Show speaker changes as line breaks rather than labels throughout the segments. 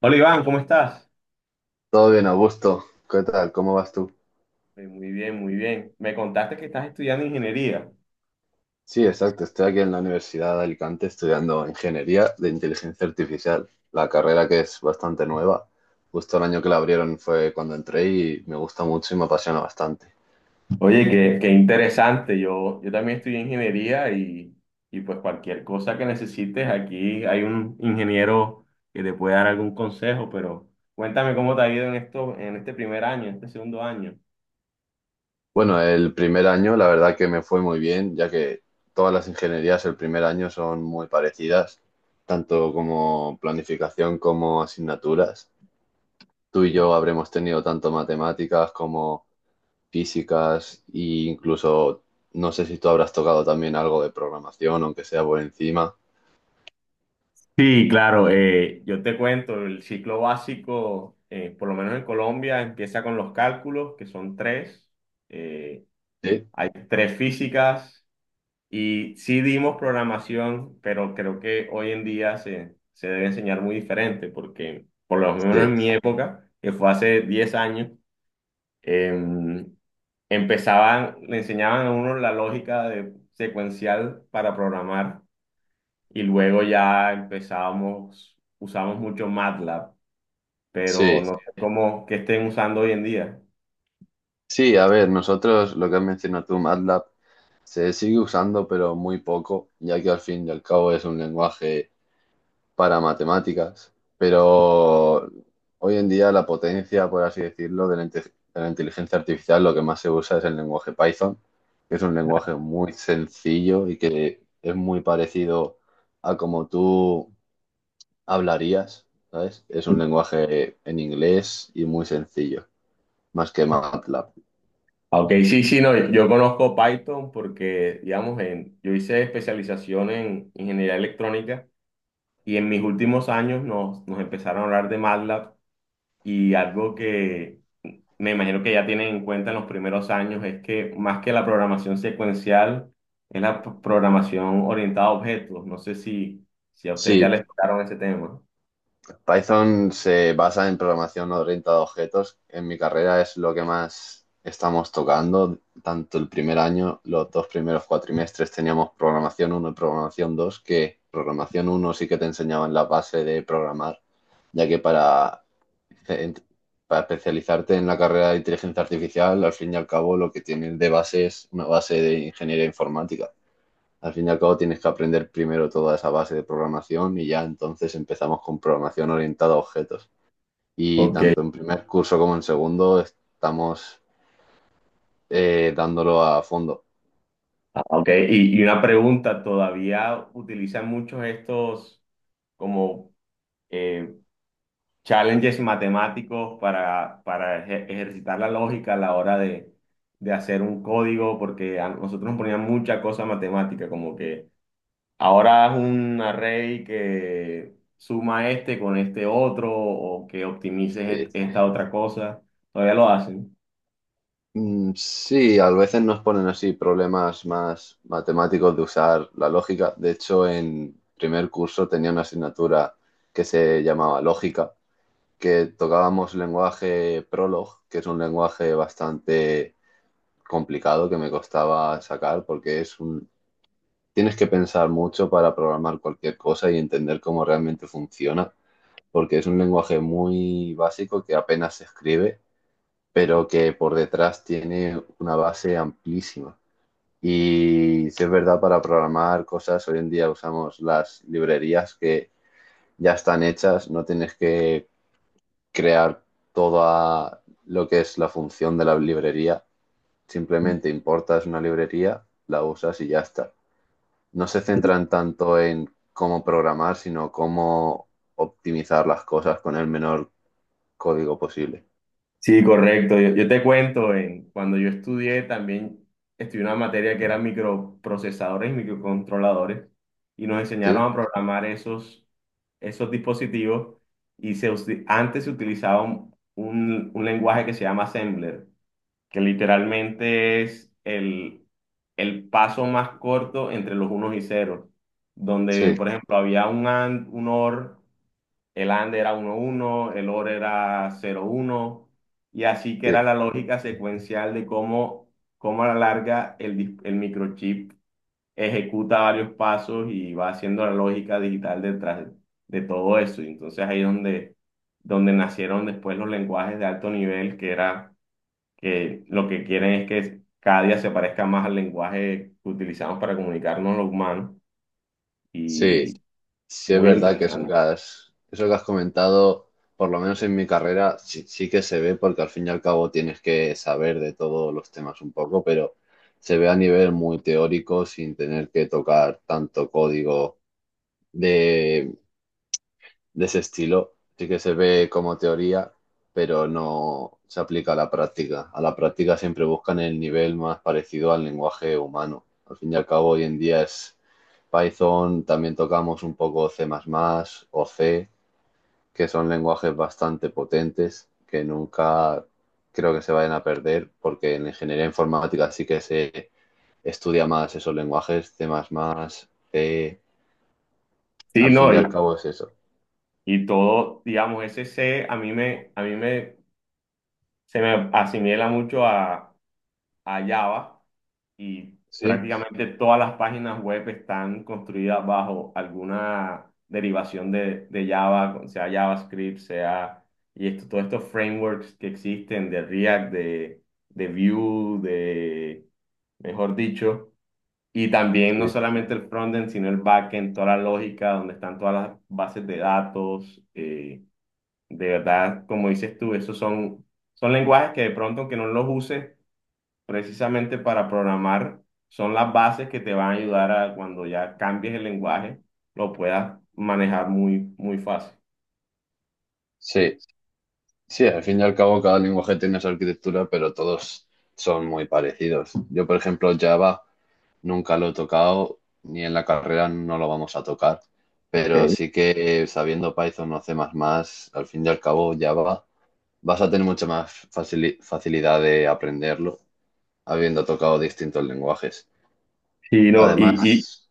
Hola Iván, ¿cómo estás?
Todo bien, Augusto. ¿Qué tal? ¿Cómo vas tú?
Muy bien, muy bien. Me contaste que estás estudiando ingeniería.
Sí, exacto. Estoy aquí en la Universidad de Alicante estudiando Ingeniería de Inteligencia Artificial, la carrera que es bastante nueva. Justo el año que la abrieron fue cuando entré y me gusta mucho y me apasiona bastante.
Oye, qué interesante. Yo también estudié ingeniería y pues cualquier cosa que necesites, aquí hay un ingeniero que te puede dar algún consejo, pero cuéntame cómo te ha ido en esto, en este primer año, en este segundo año.
Bueno, el primer año la verdad que me fue muy bien, ya que todas las ingenierías el primer año son muy parecidas, tanto como planificación como asignaturas. Tú y yo habremos tenido tanto matemáticas como físicas e incluso no sé si tú habrás tocado también algo de programación, aunque sea por encima.
Sí, claro, yo te cuento, el ciclo básico, por lo menos en Colombia, empieza con los cálculos, que son tres. Eh,
Sí,
Hay tres físicas. Y sí dimos programación, pero creo que hoy en día se debe enseñar muy diferente, porque por lo menos en
sí,
mi época, que fue hace 10 años, em, le enseñaban a uno la lógica secuencial para programar, y luego ya usamos mucho MATLAB, pero
sí.
no sé cómo que estén usando hoy en día.
Sí, a ver, nosotros lo que has mencionado tú, MATLAB, se sigue usando, pero muy poco, ya que al fin y al cabo es un lenguaje para matemáticas, pero hoy en día la potencia, por así decirlo, de la inteligencia artificial, lo que más se usa es el lenguaje Python, que es un lenguaje muy sencillo y que es muy parecido a como tú hablarías, ¿sabes? Es un lenguaje en inglés y muy sencillo, más que MATLAB.
Ah, ok, sí, sí, no, yo conozco Python porque, digamos, yo hice especialización en ingeniería electrónica y en mis últimos años nos empezaron a hablar de MATLAB, y algo que me imagino que ya tienen en cuenta en los primeros años es que más que la programación secuencial, es la programación orientada a objetos. No sé si a ustedes ya
Sí,
les tocaron ese tema.
Python se basa en programación orientada a objetos. En mi carrera es lo que más estamos tocando. Tanto el primer año, los dos primeros cuatrimestres teníamos programación uno y programación 2, que programación uno sí que te enseñaban la base de programar, ya que para especializarte en la carrera de inteligencia artificial, al fin y al cabo lo que tienes de base es una base de ingeniería informática. Al fin y al cabo tienes que aprender primero toda esa base de programación y ya entonces empezamos con programación orientada a objetos. Y
Ok,
tanto en primer curso como en segundo estamos dándolo a fondo.
ah, ok, y una pregunta: ¿todavía utilizan muchos estos como, eh, challenges matemáticos para, ejercitar la lógica a la hora de hacer un código? Porque a nosotros nos ponían mucha cosa matemática, como que ahora es un array que suma este con este otro, o que optimices
Sí.
esta otra cosa. ¿Todavía lo hacen?
Mm, sí, a veces nos ponen así problemas más matemáticos de usar la lógica. De hecho, en primer curso tenía una asignatura que se llamaba lógica, que tocábamos lenguaje Prolog, que es un lenguaje bastante complicado que me costaba sacar porque es un... Tienes que pensar mucho para programar cualquier cosa y entender cómo realmente funciona, porque es un lenguaje muy básico que apenas se escribe, pero que por detrás tiene una base amplísima. Y si es verdad, para programar cosas, hoy en día usamos las librerías que ya están hechas, no tienes que crear toda lo que es la función de la librería, simplemente importas una librería, la usas y ya está. No se centran tanto en cómo programar, sino cómo optimizar las cosas con el menor código posible.
Sí, correcto. Yo te cuento, cuando yo estudié también estudié una materia que era microprocesadores y microcontroladores, y nos enseñaron
Sí,
a programar esos dispositivos. Y antes se utilizaba un lenguaje que se llama assembler, que literalmente es el paso más corto entre los unos y ceros, donde
sí,
por ejemplo había un AND, un OR, el under era uno uno, el over era cero uno. Y así que era
sí.
la lógica secuencial de cómo a la larga el microchip ejecuta varios pasos y va haciendo la lógica digital detrás de todo eso. Y entonces ahí es donde nacieron después los lenguajes de alto nivel, que era que lo que quieren es que cada día se parezca más al lenguaje que utilizamos para comunicarnos los humanos. Y
Sí, sí es
muy
verdad que
interesante.
eso que has comentado, por lo menos en mi carrera, sí, sí que se ve porque al fin y al cabo tienes que saber de todos los temas un poco, pero se ve a nivel muy teórico sin tener que tocar tanto código de de ese estilo. Sí que se ve como teoría, pero no se aplica a la práctica. A la práctica siempre buscan el nivel más parecido al lenguaje humano. Al fin y al cabo, hoy en día es Python, también tocamos un poco C++ o C, que son lenguajes bastante potentes que nunca creo que se vayan a perder, porque en ingeniería informática sí que se estudia más esos lenguajes, C++, C,
Sí,
al
no,
fin y
y,
al cabo es eso.
Y todo, digamos, ese C se me asimila mucho a, Java, y
Sí,
prácticamente todas las páginas web están construidas bajo alguna derivación de Java, sea JavaScript, sea, y esto, todos estos frameworks que existen de React, de Vue, mejor dicho. Y también no
sí.
solamente el frontend, sino el backend, toda la lógica, donde están todas las bases de datos. De verdad, como dices tú, esos son, lenguajes que de pronto, aunque no los uses precisamente para programar, son las bases que te van a ayudar a cuando ya cambies el lenguaje, lo puedas manejar muy, muy fácil.
Sí, sí, al fin y al cabo cada lenguaje tiene su arquitectura, pero todos son muy parecidos. Yo, por ejemplo, Java nunca lo he tocado, ni en la carrera no lo vamos a tocar, pero
Ok.
sí que sabiendo Python o C++, al fin y al cabo Java vas a tener mucha más facilidad de aprenderlo habiendo tocado distintos lenguajes.
Y, no, y, Ah,
Además,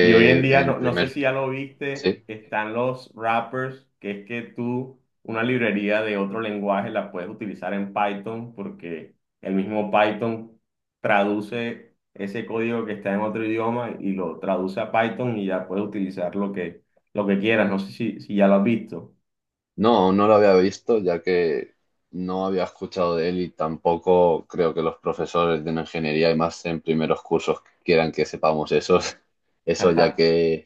Y hoy en día,
en
no sé
primer...
si ya lo viste,
Sí.
están los wrappers, que es que tú una librería de otro lenguaje la puedes utilizar en Python porque el mismo Python traduce ese código que está en otro idioma y lo traduce a Python, y ya puedes utilizar lo que quieras. No sé si ya lo has visto.
No, no lo había visto, ya que no había escuchado de él y tampoco creo que los profesores de una ingeniería y más en primeros cursos quieran que sepamos eso, eso ya que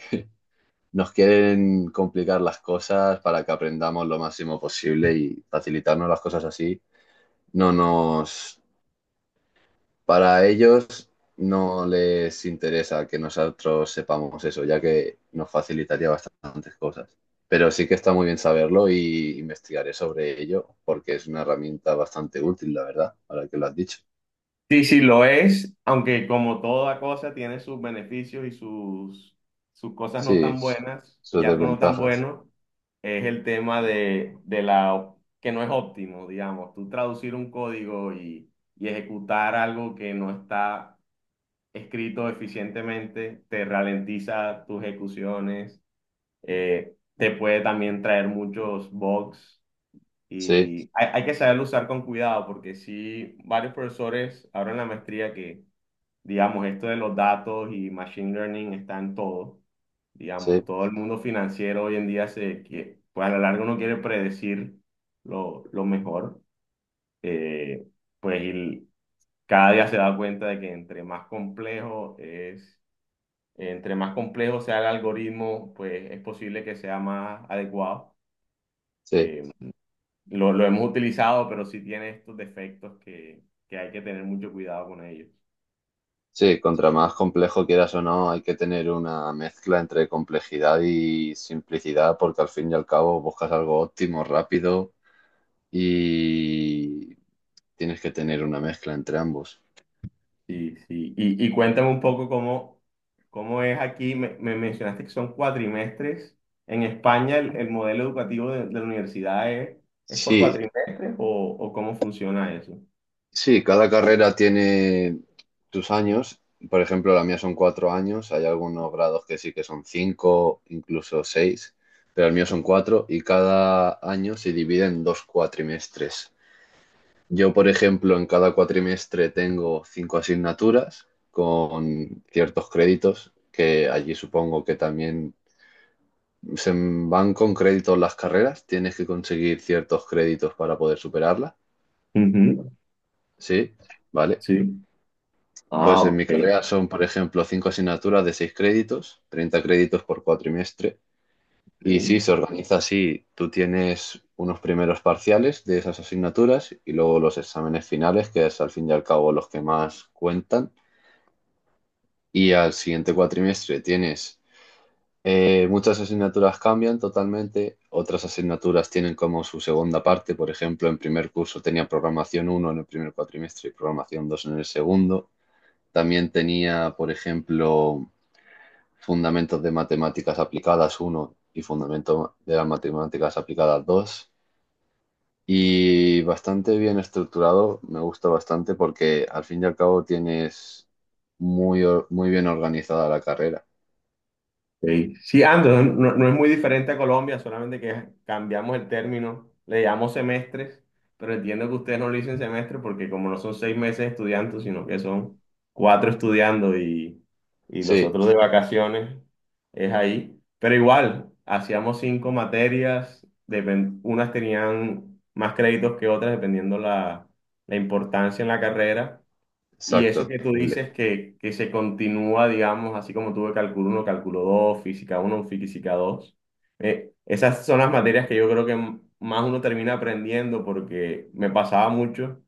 nos quieren complicar las cosas para que aprendamos lo máximo posible y facilitarnos las cosas así. No nos, para ellos no les interesa que nosotros sepamos eso, ya que nos facilitaría bastantes cosas. Pero sí que está muy bien saberlo y investigaré sobre ello, porque es una herramienta bastante útil, la verdad, ahora que lo has dicho.
Sí, sí, lo es, aunque como toda cosa tiene sus beneficios y sus cosas no
Sí,
tan buenas, y
sus
algo no tan
desventajas.
bueno es el tema de que no es óptimo, digamos, tú traducir un código y ejecutar algo que no está escrito eficientemente, te ralentiza tus ejecuciones, te puede también traer muchos bugs.
Sí,
Y hay que saberlo usar con cuidado, porque sí, varios profesores ahora en la maestría que, digamos, esto de los datos y machine learning está en todo. Digamos,
sí,
todo el mundo financiero hoy en día se que, pues a la larga uno quiere predecir lo mejor. Eh, pues y cada día se da cuenta de que entre más complejo es, entre más complejo sea el algoritmo, pues es posible que sea más adecuado.
sí.
Eh, lo hemos utilizado, pero sí tiene estos defectos, que hay que tener mucho cuidado con ellos.
Sí, contra más complejo quieras o no, hay que tener una mezcla entre complejidad y simplicidad, porque al fin y al cabo buscas algo óptimo, rápido y tienes que tener una mezcla entre ambos.
Sí, sí. Y cuéntame un poco cómo es aquí. Me mencionaste que son cuatrimestres. En España el modelo educativo de la universidad es por
Sí,
cuatrimestres, o cómo funciona eso.
sí, cada carrera tiene sus años. Por ejemplo, la mía son cuatro años. Hay algunos grados que sí que son cinco, incluso seis, pero el mío son cuatro y cada año se divide en dos cuatrimestres. Yo, por ejemplo, en cada cuatrimestre tengo cinco asignaturas con ciertos créditos, que allí supongo que también se van con créditos las carreras. Tienes que conseguir ciertos créditos para poder superarlas.
Ujú.
Sí, vale.
Sí. Ah,
Pues en mi
ok.
carrera son, por ejemplo, cinco asignaturas de seis créditos, 30 créditos por cuatrimestre. Y sí,
Ok.
se organiza así. Tú tienes unos primeros parciales de esas asignaturas y luego los exámenes finales, que es al fin y al cabo los que más cuentan. Y al siguiente cuatrimestre tienes muchas asignaturas cambian totalmente, otras asignaturas tienen como su segunda parte. Por ejemplo, en primer curso tenía programación uno en el primer cuatrimestre y programación 2 en el segundo. También tenía, por ejemplo, Fundamentos de Matemáticas Aplicadas uno y Fundamentos de las Matemáticas Aplicadas dos. Y bastante bien estructurado, me gusta bastante porque al fin y al cabo tienes muy bien organizada la carrera.
Sí, sí, ando, no es muy diferente a Colombia, solamente que cambiamos el término, le llamamos semestres, pero entiendo que ustedes no le dicen semestre porque como no son 6 meses estudiando, sino que son cuatro estudiando y los
Sí,
otros de vacaciones, es ahí. Pero igual, hacíamos cinco materias, unas tenían más créditos que otras, dependiendo la importancia en la carrera. Y eso
exacto.
que tú
Doble.
dices, que se continúa, digamos, así como tuve cálculo uno, cálculo dos, física uno, física dos, esas son las materias que yo creo que más uno termina aprendiendo, porque me pasaba mucho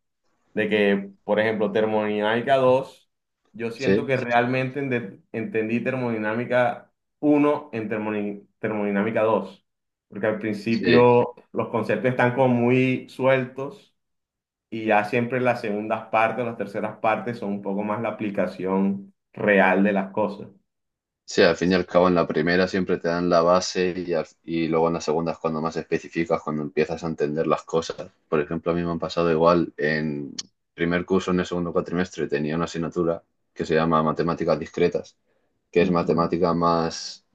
de que, por ejemplo, termodinámica dos, yo siento
Sí,
que realmente entendí termodinámica uno en termodinámica dos, porque al
sí.
principio los conceptos están como muy sueltos, y ya siempre las segundas partes, las terceras partes son un poco más la aplicación real de las cosas.
Sí, al fin y al cabo en la primera siempre te dan la base y, y luego en la segunda es cuando más especificas, cuando empiezas a entender las cosas. Por ejemplo, a mí me han pasado igual en primer curso, en el segundo cuatrimestre, tenía una asignatura que se llama Matemáticas Discretas, que es
Ujú.
matemática más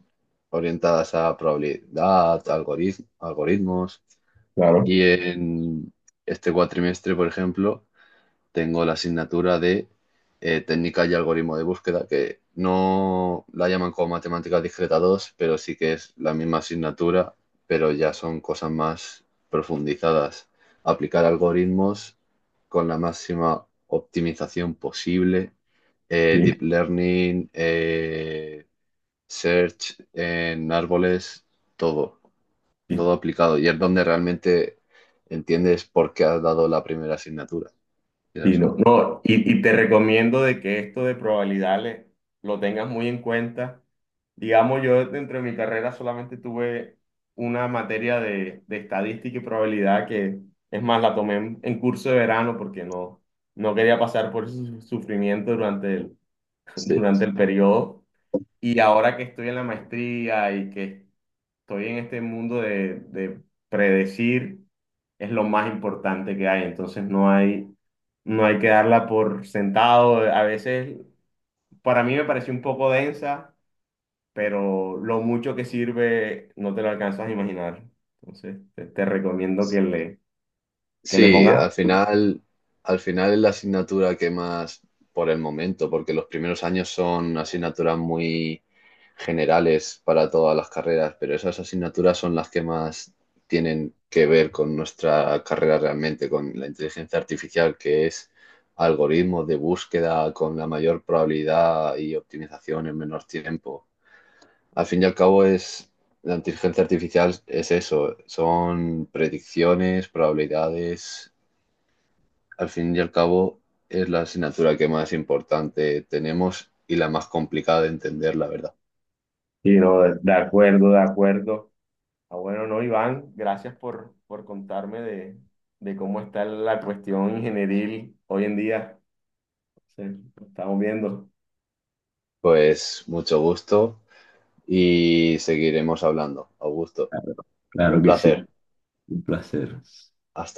orientadas a probabilidad, algoritmos.
Claro,
Y en este cuatrimestre, por ejemplo, tengo la asignatura de técnica y algoritmo de búsqueda, que no la llaman como matemáticas discreta 2 pero sí que es la misma asignatura, pero ya son cosas más profundizadas. Aplicar algoritmos con la máxima optimización posible,
sí.
deep learning, search en árboles, todo,
Sí,
todo aplicado. Y es donde realmente entiendes por qué has dado la primera asignatura,
sí,
quieras o
no,
no.
no, y te recomiendo de que esto de probabilidades lo tengas muy en cuenta. Digamos, yo dentro de mi carrera solamente tuve una materia de estadística y probabilidad, que es más, la tomé en curso de verano porque no quería pasar por ese sufrimiento
Sí,
durante el periodo. Y ahora que estoy en la maestría y que estoy en este mundo de predecir, es lo más importante que hay. Entonces no hay que darla por sentado. A veces, para mí me pareció un poco densa, pero lo mucho que sirve no te lo alcanzas a imaginar. Entonces te recomiendo que le
sí,
pongas.
al final es la asignatura que más por el momento, porque los primeros años son asignaturas muy generales para todas las carreras, pero esas asignaturas son las que más tienen que ver con nuestra carrera realmente, con la inteligencia artificial, que es algoritmos de búsqueda con la mayor probabilidad y optimización en menor tiempo. Al fin y al cabo es... La inteligencia artificial es eso, son predicciones, probabilidades, al fin y al cabo, es la asignatura que más importante tenemos y la más complicada de entender, la verdad.
Y no, de acuerdo, de acuerdo. Ah, bueno, no, Iván, gracias por contarme de cómo está la cuestión ingenieril hoy en día. Sí, estamos viendo.
Pues mucho gusto y seguiremos hablando. Augusto, un placer. Hasta